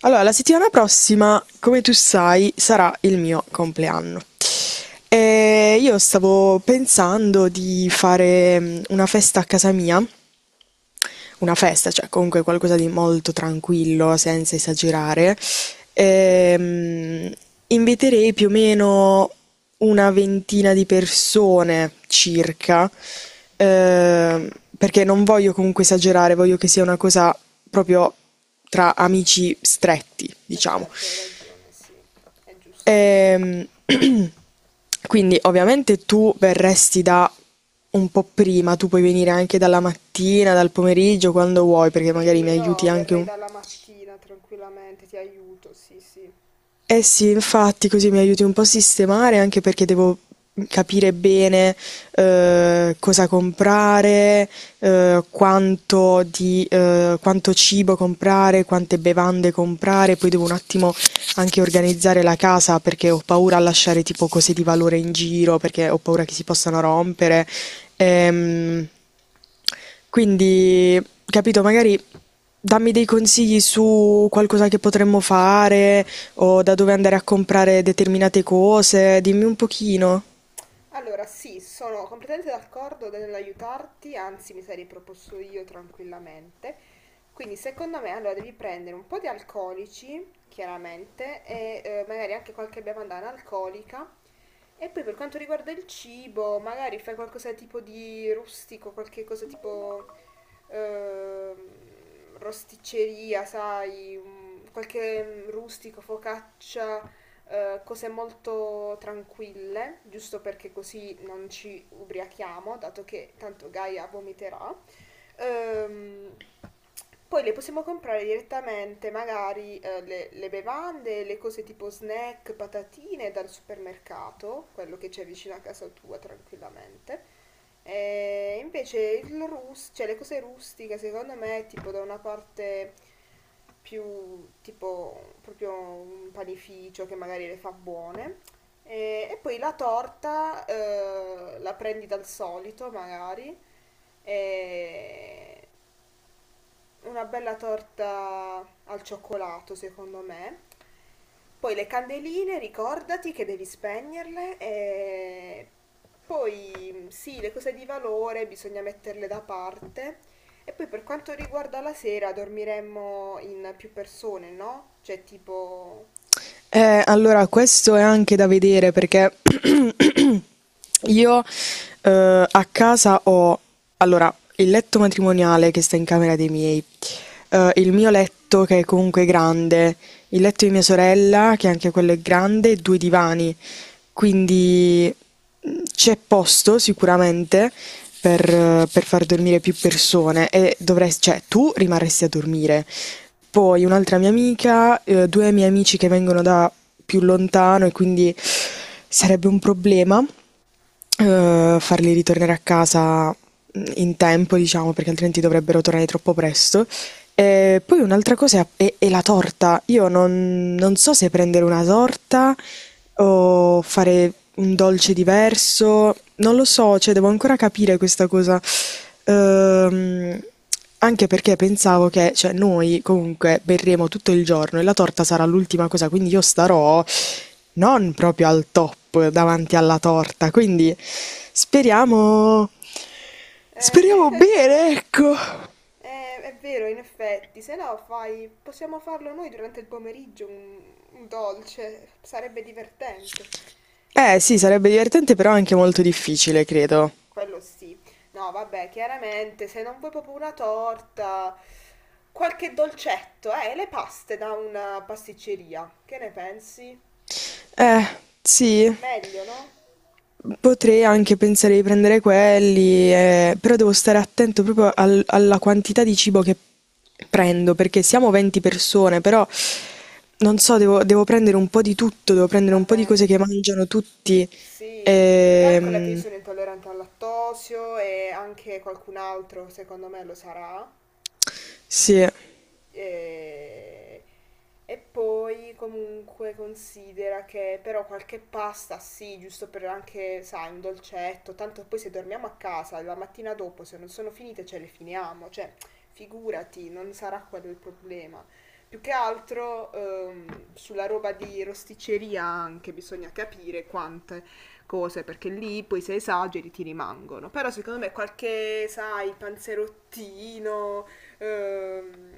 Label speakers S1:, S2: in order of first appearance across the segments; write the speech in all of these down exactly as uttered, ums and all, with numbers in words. S1: Allora, la settimana prossima, come tu sai, sarà il mio compleanno. E io stavo pensando di fare mm, una festa a casa mia, una festa, cioè comunque qualcosa di molto tranquillo, senza esagerare. Ehm, inviterei più o meno una ventina di persone circa, ehm, perché non voglio comunque esagerare, voglio che sia una cosa proprio tra amici stretti,
S2: Eh
S1: diciamo.
S2: certo, hai ragione, sì, è giusto così.
S1: Ehm, quindi ovviamente tu verresti da un po' prima, tu puoi venire anche dalla mattina, dal pomeriggio, quando vuoi, perché magari
S2: Sì,
S1: mi
S2: io
S1: aiuti anche
S2: verrei
S1: un.
S2: dalla mattina tranquillamente, ti aiuto, sì, sì.
S1: Eh sì, infatti, così mi aiuti un po' a sistemare, anche perché devo capire bene eh, cosa comprare, eh, quanto di, eh, quanto cibo comprare, quante bevande comprare, poi devo un attimo anche organizzare la casa perché ho paura a lasciare tipo cose di valore in giro, perché ho paura che si possano rompere. Ehm, quindi, capito, magari dammi dei consigli su qualcosa che potremmo fare o da dove andare a comprare determinate cose, dimmi un pochino.
S2: Allora, sì, sono completamente d'accordo nell'aiutarti, anzi mi sarei proposto io tranquillamente. Quindi secondo me allora devi prendere un po' di alcolici, chiaramente, e eh, magari anche qualche bevanda analcolica. E poi per quanto riguarda il cibo, magari fai qualcosa tipo di rustico, qualche cosa tipo ehm, rosticceria, sai, un- qualche mm, rustico, focaccia, eh, cose molto tranquille, giusto perché così non ci ubriachiamo, dato che tanto Gaia vomiterà. Ehm, Poi le possiamo comprare direttamente, magari eh, le, le bevande, le cose tipo snack, patatine dal supermercato, quello che c'è vicino a casa tua tranquillamente. E invece il rus- cioè le cose rustiche secondo me è tipo da una parte più tipo proprio un panificio che magari le fa buone e, e poi la torta eh, la prendi dal solito magari e, una bella torta al cioccolato, secondo me. Poi le candeline, ricordati che devi spegnerle e poi sì, le cose di valore bisogna metterle da parte. E poi per quanto riguarda la sera, dormiremmo in più persone, no? Cioè tipo.
S1: Eh, allora, questo è anche da vedere perché io, eh, a casa ho, allora, il letto matrimoniale che sta in camera dei miei, eh, il mio letto che è comunque grande, il letto di mia sorella che anche quello è grande, e due divani. Quindi mh, c'è posto sicuramente per, eh, per far dormire più persone e dovresti, cioè tu rimarresti a dormire. Poi un'altra mia amica, eh, due miei amici che vengono da più lontano e quindi sarebbe un problema, uhm, farli ritornare a casa mm, in tempo, diciamo, perché altrimenti dovrebbero tornare troppo presto. E poi un'altra cosa è è è la torta. Io non non so se prendere una torta o fare un dolce diverso, non lo so, cioè devo ancora capire questa cosa. Uhm, anche perché pensavo che, cioè noi comunque berremo tutto il giorno e la torta sarà l'ultima cosa, quindi io starò non proprio al top davanti alla torta, quindi speriamo
S2: Eh,
S1: speriamo bene, ecco.
S2: eh, è vero, in effetti, se no fai, possiamo farlo noi durante il pomeriggio un, un dolce, sarebbe divertente.
S1: Eh sì, sarebbe divertente però anche molto difficile, credo.
S2: Quello sì. No, vabbè, chiaramente se non vuoi proprio una torta, qualche dolcetto, eh, le paste da una pasticceria. Che ne pensi?
S1: Eh, sì.
S2: Meglio, no?
S1: Potrei anche pensare di prendere quelli, eh, però devo stare attento proprio al- alla quantità di cibo che prendo, perché siamo venti persone, però non so, devo, devo prendere un po' di tutto, devo prendere un po' di
S2: Vabbè,
S1: cose che mangiano tutti.
S2: sì. Calcola che io
S1: Ehm,
S2: sono intollerante al lattosio e anche qualcun altro, secondo me, lo sarà.
S1: sì.
S2: E, e poi comunque considera che però qualche pasta sì, giusto per anche, sai, un dolcetto, tanto poi se dormiamo a casa la mattina dopo, se non sono finite ce le finiamo, cioè figurati, non sarà quello il problema. Più che altro ehm, sulla roba di rosticceria anche bisogna capire quante cose, perché lì poi se esageri ti rimangono. Però secondo me qualche, sai, panzerottino, ehm,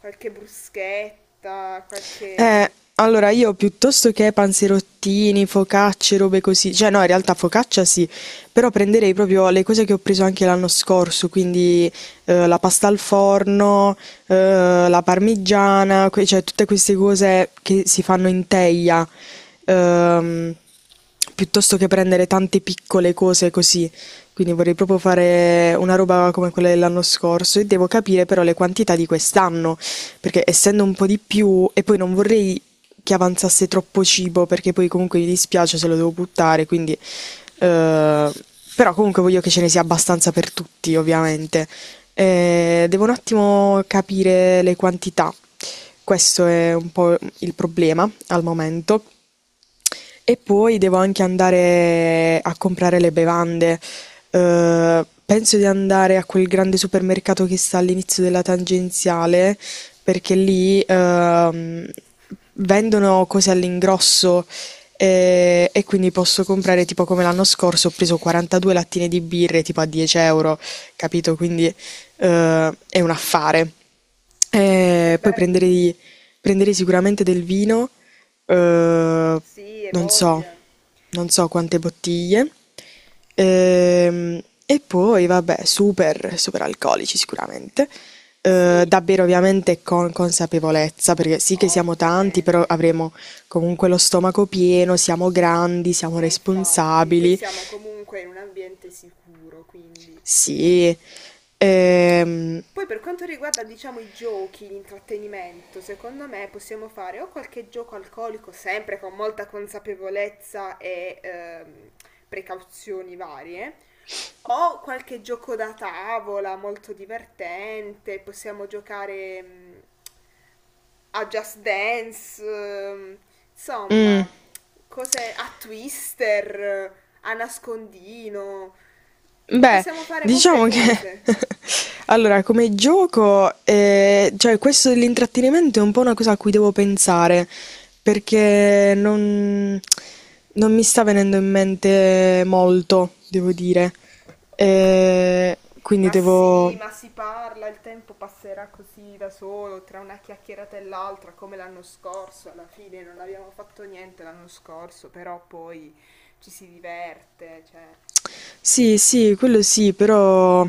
S2: qualche bruschetta, qualche.
S1: Eh, allora io piuttosto che panzerottini, focacce, robe così, cioè no, in realtà focaccia sì, però prenderei proprio le cose che ho preso anche l'anno scorso, quindi eh, la pasta al forno, eh, la parmigiana, que- cioè tutte queste cose che si fanno in teglia, ehm, piuttosto che prendere tante piccole cose così. Quindi vorrei proprio fare una roba come quella dell'anno scorso e devo capire però le quantità di quest'anno, perché essendo un po' di più e poi non vorrei che avanzasse troppo cibo perché poi comunque mi dispiace se lo devo buttare, quindi eh, però comunque voglio che ce ne sia abbastanza per tutti, ovviamente. Eh, devo un attimo capire le quantità. Questo è un po' il problema al momento. E poi devo anche andare a comprare le bevande. Ehm, penso di andare a quel grande supermercato che sta all'inizio della tangenziale, perché lì ehm, vendono cose all'ingrosso, eh, e, quindi posso comprare, tipo come l'anno scorso, ho preso quarantadue lattine di birre tipo a dieci euro, capito? Quindi eh, è un affare.
S2: Che
S1: Eh, poi
S2: bello!
S1: prenderei. Prenderei sicuramente del vino, uhm,
S2: Sì, e
S1: non so,
S2: voglia.
S1: non so quante bottiglie, ehm, e poi vabbè super superalcolici sicuramente, uhm,
S2: Sì,
S1: da bere ovviamente con consapevolezza, perché sì che siamo tanti, però
S2: ovviamente.
S1: avremo comunque lo stomaco pieno, siamo grandi, siamo
S2: E infatti, poi
S1: responsabili.
S2: siamo comunque in un ambiente sicuro, quindi.
S1: Sì, ehm,
S2: Poi per quanto riguarda, diciamo, i giochi, l'intrattenimento, secondo me possiamo fare o qualche gioco alcolico, sempre con molta consapevolezza e ehm, precauzioni varie, o qualche gioco da tavola molto divertente, possiamo giocare mm, a Just Dance, ehm,
S1: mh.
S2: insomma, cose a Twister, a nascondino.
S1: Beh,
S2: Possiamo fare molte
S1: diciamo che
S2: cose.
S1: allora come gioco, eh, cioè questo dell'intrattenimento è un po' una cosa a cui devo pensare, perché non, non mi sta venendo in mente molto, devo dire. Eh, quindi
S2: Ma
S1: devo...
S2: sì, ma si parla, il tempo passerà così da solo, tra una chiacchierata e l'altra, come l'anno scorso, alla fine non abbiamo fatto niente l'anno scorso, però poi ci si diverte, cioè,
S1: Sì, sì, quello sì, però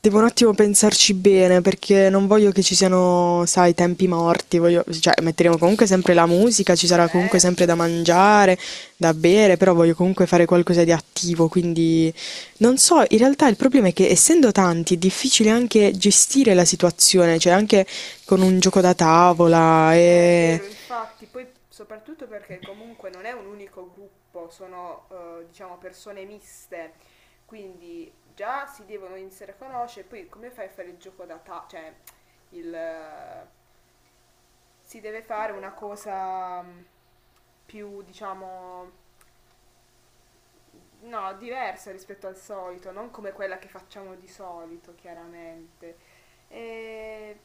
S1: devo un attimo pensarci bene perché non voglio che ci siano, sai, tempi morti, voglio, cioè metteremo comunque sempre la musica, ci sarà comunque sempre
S2: certo,
S1: da
S2: sì.
S1: mangiare, da bere, però voglio comunque fare qualcosa di attivo, quindi non so, in realtà il problema è che essendo tanti è difficile anche gestire la situazione, cioè anche con un gioco da tavola
S2: È
S1: e...
S2: vero, infatti, poi soprattutto perché comunque non è un unico gruppo, sono eh, diciamo persone miste, quindi già si devono iniziare a conoscere, poi come fai a fare il gioco da ta- cioè il eh, si deve fare una cosa mm, più, diciamo, no, diversa rispetto al solito, non come quella che facciamo di solito, chiaramente. E.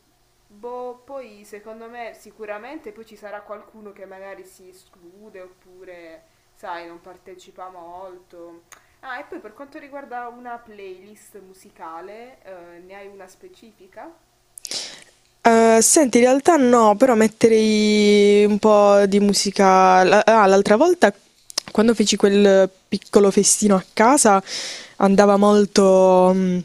S2: Boh, poi secondo me sicuramente poi ci sarà qualcuno che magari si esclude oppure, sai, non partecipa molto. Ah, e poi per quanto riguarda una playlist musicale, eh, ne hai una specifica?
S1: Eh, senti, in realtà no, però metterei un po' di musica. la- Ah, l'altra volta, quando feci quel piccolo festino a casa, andava molto, mh,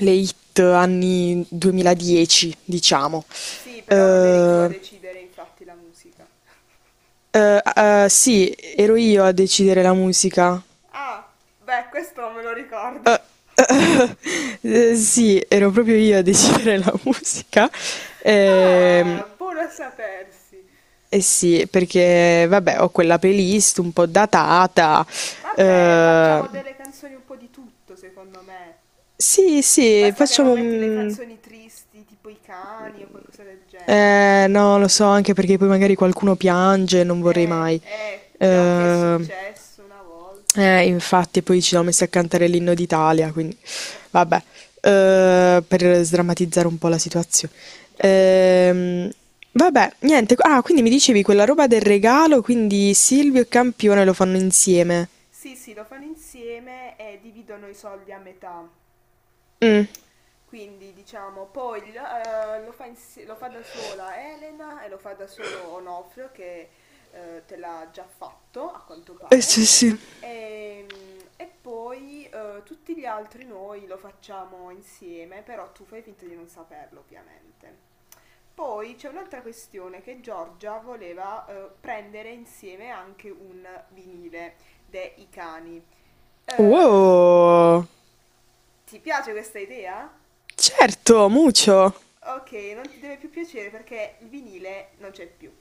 S1: le hit anni duemiladieci, diciamo.
S2: Sì, però non eri tu a
S1: Eh,
S2: decidere infatti la musica.
S1: eh, eh, sì, ero io a decidere la musica.
S2: Ah, beh, questo me lo ricordo.
S1: Eh, eh, sì, ero proprio io a decidere la musica. Ehm,
S2: Ah, buono a sapersi.
S1: Eh sì, perché vabbè, ho quella playlist un po' datata.
S2: Vabbè,
S1: eh,
S2: facciamo delle canzoni un po' di tutto, secondo me.
S1: sì, sì,
S2: Basta che non
S1: facciamo
S2: metti le
S1: un...
S2: canzoni tristi, tipo i cani o qualcosa del genere.
S1: Eh, no, lo so, anche perché poi magari qualcuno piange, non vorrei
S2: Eh,
S1: mai.
S2: eh, già che è
S1: Eh,
S2: successo una volta.
S1: eh, infatti, poi ci siamo messi a cantare l'inno d'Italia, quindi vabbè, eh, per sdrammatizzare un po' la situazione.
S2: Già.
S1: Ehm, vabbè, niente. Ah, quindi mi dicevi quella roba del regalo, quindi Silvio e Campione lo fanno insieme.
S2: Sì, sì, lo fanno insieme e dividono i soldi a metà.
S1: Mh,
S2: Quindi diciamo, poi eh, lo, fa insi- lo fa da sola Elena e lo fa da solo Onofrio che eh, te l'ha già fatto a quanto
S1: eh sì
S2: pare.
S1: sì.
S2: E, e poi eh, tutti gli altri noi lo facciamo insieme, però tu fai finta di non saperlo ovviamente. Poi c'è un'altra questione che Giorgia voleva eh, prendere insieme anche un vinile dei cani. Eh,
S1: Wow!
S2: ti piace questa idea?
S1: Certo, mucho!
S2: Ok, non ti deve più piacere perché il vinile non c'è più.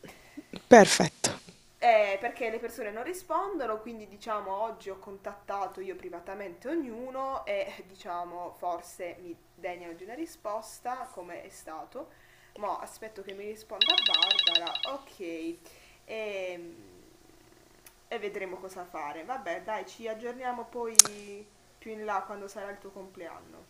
S1: Perfetto.
S2: Eh, perché le persone non rispondono, quindi diciamo oggi ho contattato io privatamente ognuno e diciamo forse mi degnano di una risposta, come è stato. Ma aspetto che mi risponda Barbara, ok, e, e vedremo cosa fare. Vabbè, dai, ci aggiorniamo poi più in là quando sarà il tuo compleanno.